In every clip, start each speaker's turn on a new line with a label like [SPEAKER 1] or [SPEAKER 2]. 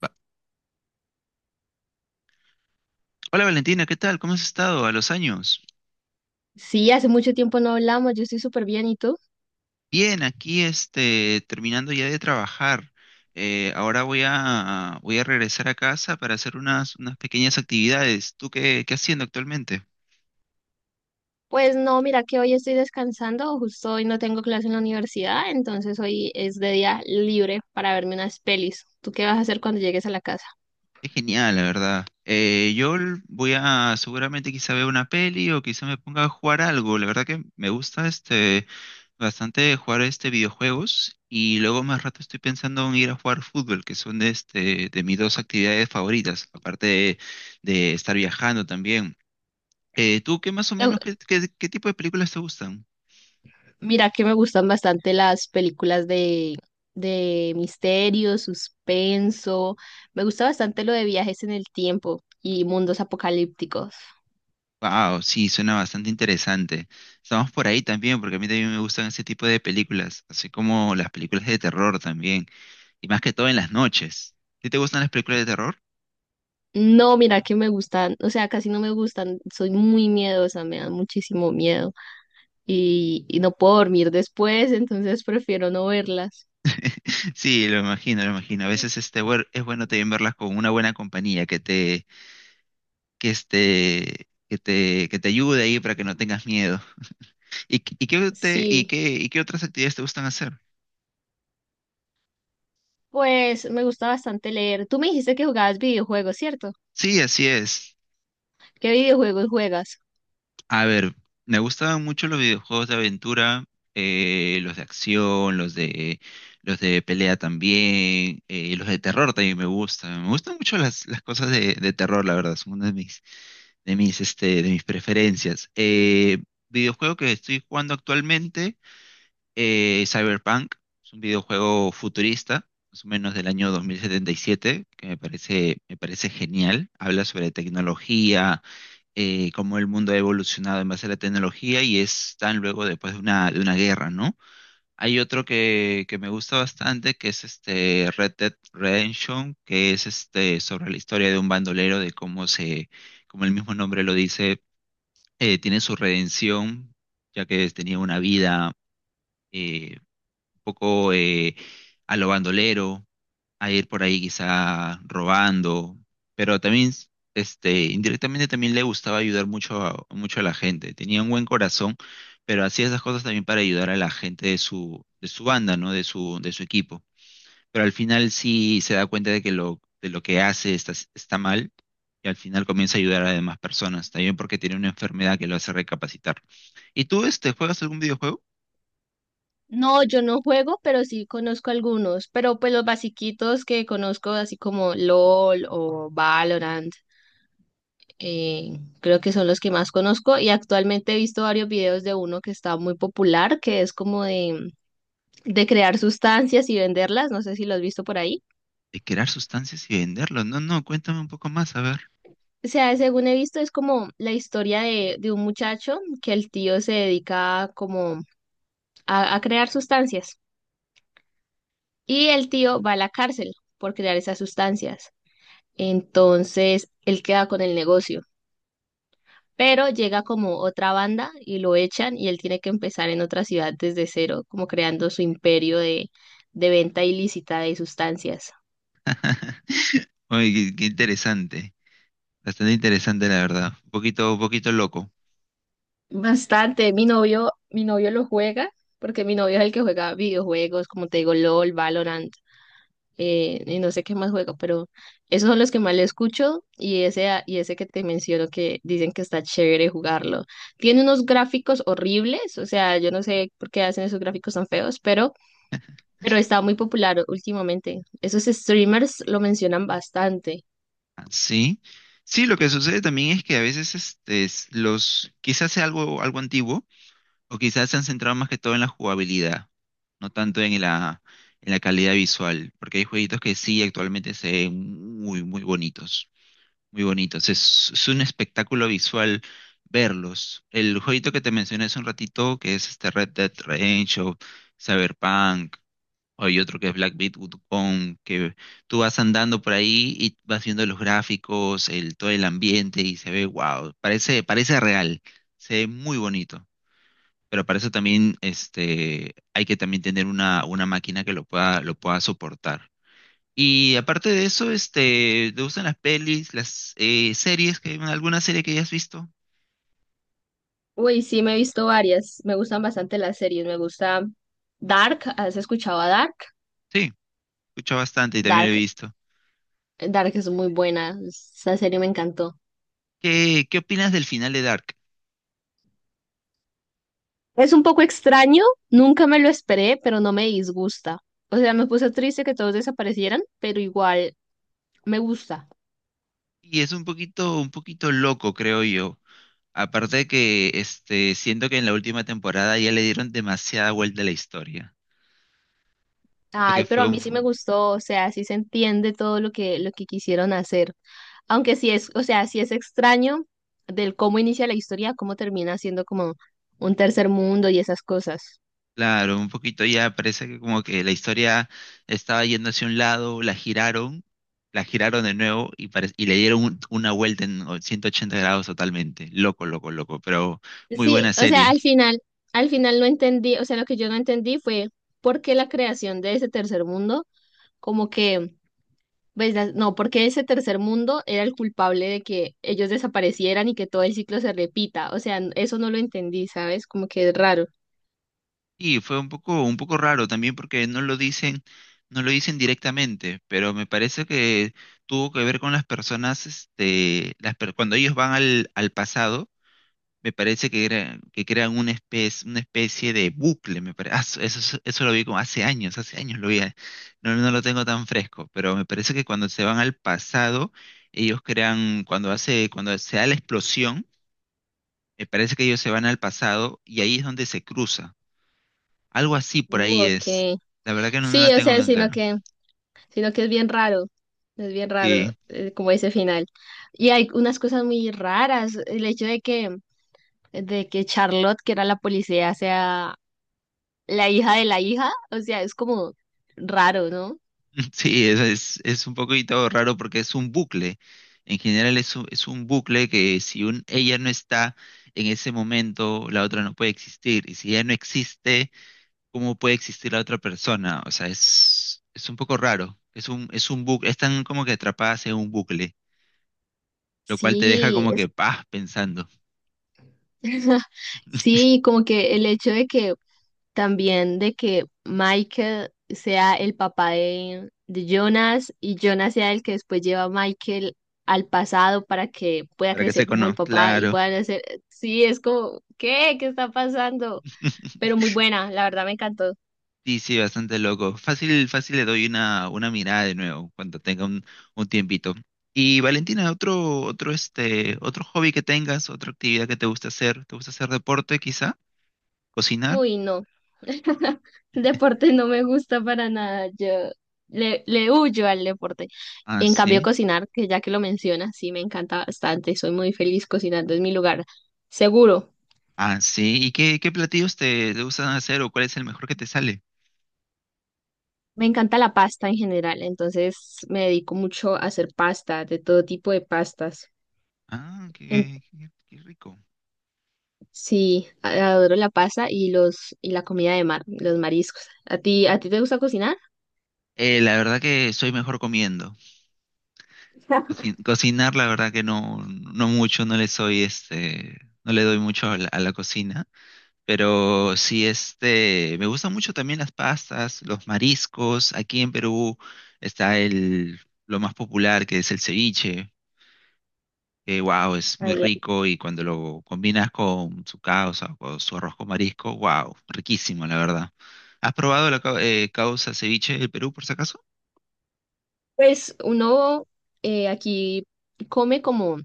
[SPEAKER 1] Va- Hola Valentina, ¿qué tal? ¿Cómo has estado a los años?
[SPEAKER 2] Sí, hace mucho tiempo no hablamos, yo estoy súper bien, ¿y tú?
[SPEAKER 1] Bien, aquí este, terminando ya de trabajar. Ahora voy a regresar a casa para hacer unas pequeñas actividades. ¿Tú qué haciendo actualmente?
[SPEAKER 2] Pues no, mira que hoy estoy descansando, justo hoy no tengo clase en la universidad, entonces hoy es de día libre para verme unas pelis. ¿Tú qué vas a hacer cuando llegues a la casa?
[SPEAKER 1] Es genial, la verdad. Voy a seguramente quizá vea una peli o quizá me ponga a jugar algo. La verdad que me gusta este, bastante de jugar este videojuegos y luego más rato estoy pensando en ir a jugar fútbol, que son de, este, de mis dos actividades favoritas, de estar viajando también. ¿Tú qué más o
[SPEAKER 2] Eh,
[SPEAKER 1] menos, qué tipo de películas te gustan?
[SPEAKER 2] Mira que me gustan bastante las películas de misterio, suspenso, me gusta bastante lo de viajes en el tiempo y mundos apocalípticos.
[SPEAKER 1] Wow, sí, suena bastante interesante. Estamos por ahí también, porque a mí también me gustan ese tipo de películas, así como las películas de terror también, y más que todo en las noches. ¿Sí te gustan las películas de terror?
[SPEAKER 2] No, mira que me gustan, o sea, casi no me gustan, soy muy miedosa, me dan muchísimo miedo. Y no puedo dormir después, entonces prefiero no verlas.
[SPEAKER 1] Sí, lo imagino, lo imagino. A veces este, bueno, es bueno también verlas con una buena compañía que te, que este, que te ayude ahí para que no tengas miedo. Y qué te-
[SPEAKER 2] Sí,
[SPEAKER 1] y qué otras actividades te gustan hacer?
[SPEAKER 2] pues me gusta bastante leer. Tú me dijiste que jugabas videojuegos, ¿cierto?
[SPEAKER 1] Sí, así es.
[SPEAKER 2] ¿Qué videojuegos juegas?
[SPEAKER 1] A ver, me gustaban mucho los videojuegos de aventura, los de acción, los de pelea también, los de terror también me gustan. Me gustan mucho las cosas de terror, la verdad, son una de mis, este, de mis preferencias. Videojuego que estoy jugando actualmente. Eh, Cyberpunk, es un videojuego futurista, más o menos del año 2077, que me parece genial. Habla sobre tecnología, cómo el mundo ha evolucionado en base a la tecnología y es tan luego después de de una guerra, ¿no? Hay otro que me gusta bastante, que es este Red Dead Redemption, que es este sobre la historia de un bandolero, como el mismo nombre lo dice, tiene su redención, ya que tenía una vida eh, poco a lo bandolero, a ir por ahí quizá robando, pero también, este, indirectamente también le gustaba ayudar mucho a la gente. Tenía un buen corazón, pero hacía esas cosas también para ayudar a la gente de su banda, ¿no? De su equipo. Pero al final sí se da cuenta de de lo que hace está mal y al final comienza a ayudar a demás personas, también porque tiene una enfermedad que lo hace recapacitar. ¿Y tú, este, juegas algún videojuego?
[SPEAKER 2] No, yo no juego, pero sí conozco algunos, pero pues los basiquitos que conozco, así como LOL o Valorant, creo que son los que más conozco y actualmente he visto varios videos de uno que está muy popular, que es como de crear sustancias y venderlas, no sé si lo has visto por ahí.
[SPEAKER 1] De crear sustancias y venderlos. No, no, cuéntame un poco más, a ver.
[SPEAKER 2] O sea, según he visto, es como la historia de un muchacho que el tío se dedica como a crear sustancias y el tío va a la cárcel por crear esas sustancias. Entonces, él queda con el negocio, pero llega como otra banda y lo echan y él tiene que empezar en otra ciudad desde cero, como creando su imperio de venta ilícita de sustancias.
[SPEAKER 1] Oye, qué interesante. Bastante interesante, la verdad. Un poquito loco.
[SPEAKER 2] Bastante. Mi novio lo juega porque mi novio es el que juega videojuegos, como te digo, LOL, Valorant. Y no sé qué más juego, pero esos son los que más le escucho y ese que te menciono que dicen que está chévere jugarlo. Tiene unos gráficos horribles, o sea, yo no sé por qué hacen esos gráficos tan feos, pero está muy popular últimamente. Esos streamers lo mencionan bastante.
[SPEAKER 1] Ah, sí. Sí, lo que sucede también es que a veces este, quizás sea algo, algo antiguo, o quizás se han centrado más que todo en la jugabilidad, no tanto en la calidad visual, porque hay jueguitos que sí actualmente se ven muy, muy bonitos. Muy bonitos. Es un espectáculo visual verlos. El jueguito que te mencioné hace un ratito, que es este Red Dead Redemption, Cyberpunk, hay otro que es Black Myth Wukong, que tú vas andando por ahí y vas viendo los gráficos, el, todo el ambiente y se ve wow, parece, parece real, se ve muy bonito. Pero para eso también este, hay que también tener una máquina que lo pueda soportar. Y aparte de eso, este, ¿te gustan las pelis, las series? Que, ¿alguna serie que hayas visto?
[SPEAKER 2] Uy, sí, me he visto varias, me gustan bastante las series, me gusta Dark, ¿has escuchado a Dark?
[SPEAKER 1] Sí, escucho bastante y también lo he
[SPEAKER 2] Dark,
[SPEAKER 1] visto.
[SPEAKER 2] Dark es muy buena, esa serie me encantó.
[SPEAKER 1] ¿Qué, qué opinas del final de Dark?
[SPEAKER 2] Es un poco extraño, nunca me lo esperé, pero no me disgusta. O sea, me puse triste que todos desaparecieran, pero igual me gusta.
[SPEAKER 1] Y es un poquito loco, creo yo. Aparte de que este, siento que en la última temporada ya le dieron demasiada vuelta a la historia. Siento que
[SPEAKER 2] Ay, pero
[SPEAKER 1] fue
[SPEAKER 2] a
[SPEAKER 1] un,
[SPEAKER 2] mí sí me gustó, o sea, sí se entiende todo lo que quisieron hacer. Aunque sí es, o sea, sí es extraño del cómo inicia la historia, cómo termina siendo como un tercer mundo y esas cosas.
[SPEAKER 1] claro, un poquito ya parece que como que la historia estaba yendo hacia un lado, la giraron de nuevo y le dieron una vuelta en 180 grados totalmente. Loco, loco, loco, pero muy
[SPEAKER 2] Sí,
[SPEAKER 1] buena
[SPEAKER 2] o sea,
[SPEAKER 1] serie.
[SPEAKER 2] al final no entendí, o sea, lo que yo no entendí fue por qué la creación de ese tercer mundo, como que. Pues no, porque ese tercer mundo era el culpable de que ellos desaparecieran y que todo el ciclo se repita. O sea, eso no lo entendí, ¿sabes? Como que es raro.
[SPEAKER 1] Y fue un poco raro también porque no lo dicen, no lo dicen directamente, pero me parece que tuvo que ver con las personas, este, las per- cuando ellos van al, al pasado me parece era, que crean una especie de bucle, me parece. Eso lo vi como hace años lo vi, eh. No, no lo tengo tan fresco, pero me parece que cuando se van al pasado, ellos crean, cuando hace, cuando se da la explosión, me parece que ellos se van al pasado y ahí es donde se cruza. Algo así por ahí
[SPEAKER 2] Ok.
[SPEAKER 1] es. La verdad que no, no la
[SPEAKER 2] Sí, o
[SPEAKER 1] tengo
[SPEAKER 2] sea,
[SPEAKER 1] tan claro.
[SPEAKER 2] sino que es bien raro. Es bien
[SPEAKER 1] Sí.
[SPEAKER 2] raro, como ese final. Y hay unas cosas muy raras. El hecho de que Charlotte, que era la policía, sea la hija de la hija. O sea, es como raro, ¿no?
[SPEAKER 1] Sí, es un poquito raro porque es un bucle. En general es un bucle que si un, ella no está en ese momento, la otra no puede existir. Y si ella no existe, ¿cómo puede existir la otra persona? O sea, es un poco raro. Es un bucle, están como que atrapadas en un bucle, lo cual te deja
[SPEAKER 2] Sí,
[SPEAKER 1] como
[SPEAKER 2] es...
[SPEAKER 1] que, paz pensando.
[SPEAKER 2] Sí, como que el hecho de que también de que Michael sea el papá de Jonas y Jonas sea el que después lleva a Michael al pasado para que pueda
[SPEAKER 1] ¿Para qué se
[SPEAKER 2] crecer como el
[SPEAKER 1] conoce?
[SPEAKER 2] papá y
[SPEAKER 1] Claro.
[SPEAKER 2] puedan hacer, sí, es como, ¿qué? ¿Qué está pasando? Pero muy buena, la verdad me encantó.
[SPEAKER 1] Sí, sí, bastante loco. Fácil, fácil le doy una mirada de nuevo cuando tenga un tiempito. Y Valentina, otro, otro, este, otro hobby que tengas, otra actividad que ¿te gusta hacer deporte quizá? ¿Cocinar?
[SPEAKER 2] Uy, no. Deporte no me gusta para nada. Yo le huyo al deporte.
[SPEAKER 1] Ah,
[SPEAKER 2] En cambio,
[SPEAKER 1] sí.
[SPEAKER 2] cocinar, que ya que lo mencionas, sí me encanta bastante. Soy muy feliz cocinando, es mi lugar seguro.
[SPEAKER 1] Ah, sí. ¿Y qué, qué platillos te gustan hacer o cuál es el mejor que te sale?
[SPEAKER 2] Me encanta la pasta en general, entonces me dedico mucho a hacer pasta, de todo tipo de pastas.
[SPEAKER 1] Ah,
[SPEAKER 2] En-
[SPEAKER 1] qué, qué, qué rico.
[SPEAKER 2] sí, adoro la pasta y los y la comida de mar, los mariscos. ¿A ti te gusta cocinar?
[SPEAKER 1] La verdad que soy mejor comiendo. Cocinar, la verdad que no, no mucho, no le soy, este, no le doy mucho a la cocina. Pero sí, este, me gustan mucho también las pastas, los mariscos. Aquí en Perú está el, lo más popular, que es el ceviche, que wow, es muy
[SPEAKER 2] Ay, eh.
[SPEAKER 1] rico y cuando lo combinas con su causa o su arroz con marisco, wow, riquísimo, la verdad. ¿Has probado la causa ceviche del Perú, por si acaso?
[SPEAKER 2] Pues uno aquí come como,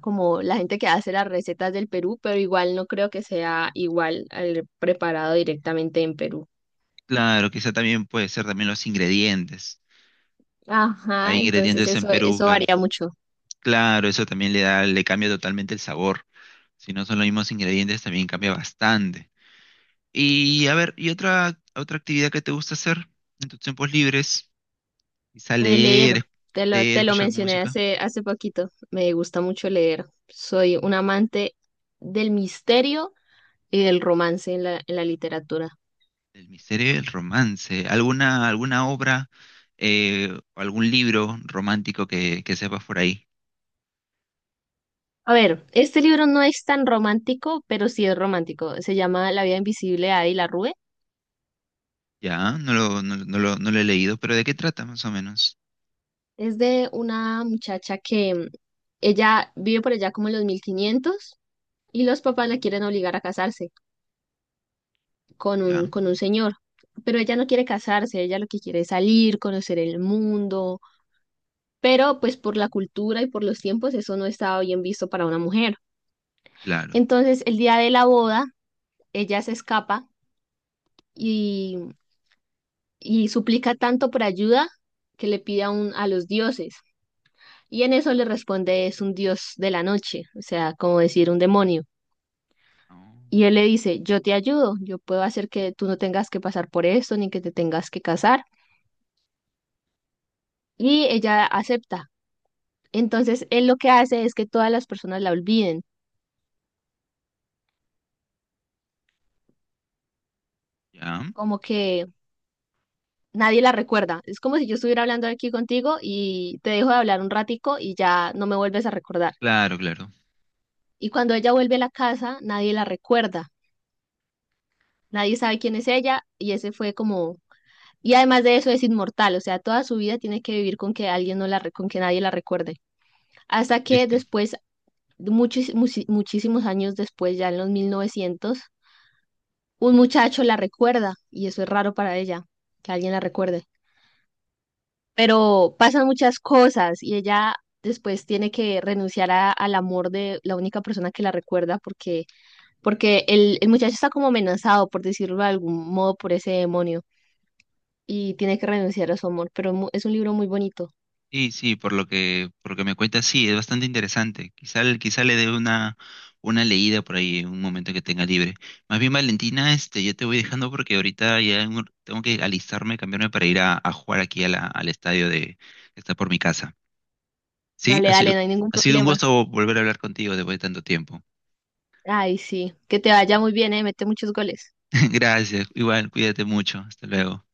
[SPEAKER 2] como la gente que hace las recetas del Perú, pero igual no creo que sea igual al preparado directamente en Perú.
[SPEAKER 1] Claro, quizá también puede ser también los ingredientes.
[SPEAKER 2] Ajá,
[SPEAKER 1] Hay
[SPEAKER 2] entonces
[SPEAKER 1] ingredientes en Perú
[SPEAKER 2] eso
[SPEAKER 1] que,
[SPEAKER 2] varía mucho.
[SPEAKER 1] claro, eso también le da, le cambia totalmente el sabor. Si no son los mismos ingredientes, también cambia bastante. Y a ver, ¿y otra, otra actividad que te gusta hacer en tus tiempos libres? Quizá leer,
[SPEAKER 2] Leer,
[SPEAKER 1] leer,
[SPEAKER 2] te lo
[SPEAKER 1] escuchar
[SPEAKER 2] mencioné
[SPEAKER 1] música,
[SPEAKER 2] hace poquito. Me gusta mucho leer. Soy un amante del misterio y del romance en en la literatura.
[SPEAKER 1] el misterio y el romance. ¿Alguna, alguna obra o algún libro romántico que sepas por ahí?
[SPEAKER 2] A ver, este libro no es tan romántico, pero sí es romántico. Se llama La vida invisible de Adi rue.
[SPEAKER 1] Ya, no lo he leído, pero ¿de qué trata más o menos?
[SPEAKER 2] Es de una muchacha que ella vive por allá como en los 1500 y los papás la quieren obligar a casarse
[SPEAKER 1] Ya,
[SPEAKER 2] con un señor. Pero ella no quiere casarse, ella lo que quiere es salir, conocer el mundo, pero pues por la cultura y por los tiempos eso no estaba bien visto para una mujer.
[SPEAKER 1] claro.
[SPEAKER 2] Entonces el día de la boda, ella se escapa y, y suplica tanto por ayuda que le pide a los dioses. Y en eso le responde es un dios de la noche, o sea, como decir un demonio. Y
[SPEAKER 1] Oh,
[SPEAKER 2] él le dice, yo te ayudo, yo puedo hacer que tú no tengas que pasar por esto, ni que te tengas que casar. Y ella acepta. Entonces, él lo que hace es que todas las personas la olviden,
[SPEAKER 1] ya,
[SPEAKER 2] como que nadie la recuerda. Es como si yo estuviera hablando aquí contigo y te dejo de hablar un ratico y ya no me vuelves a recordar.
[SPEAKER 1] claro, claro.
[SPEAKER 2] Y cuando ella vuelve a la casa, nadie la recuerda. Nadie sabe quién es ella y ese fue como... Y además de eso es inmortal, o sea, toda su vida tiene que vivir con que alguien no la, re- con que nadie la recuerde. Hasta que
[SPEAKER 1] Triste.
[SPEAKER 2] después, muchísimos años después, ya en los 1900, un muchacho la recuerda y eso es raro para ella, que alguien la recuerde. Pero pasan muchas cosas y ella después tiene que renunciar al amor de la única persona que la recuerda, porque el muchacho está como amenazado, por decirlo de algún modo, por ese demonio y tiene que renunciar a su amor, pero es un libro muy bonito.
[SPEAKER 1] Sí, sí, por lo que me cuentas, sí, es bastante interesante. Quizá le dé una leída por ahí en un momento que tenga libre. Más bien, Valentina, este, yo te voy dejando porque ahorita ya en un- tengo que alistarme, cambiarme para ir a jugar aquí a la- al estadio de, que está por mi casa. Sí,
[SPEAKER 2] Dale, dale, no hay ningún
[SPEAKER 1] ha sido un
[SPEAKER 2] problema.
[SPEAKER 1] gusto volver a hablar contigo después de tanto tiempo.
[SPEAKER 2] Ay, sí, que te vaya muy bien, mete muchos goles.
[SPEAKER 1] Gracias, igual, cuídate mucho, hasta luego.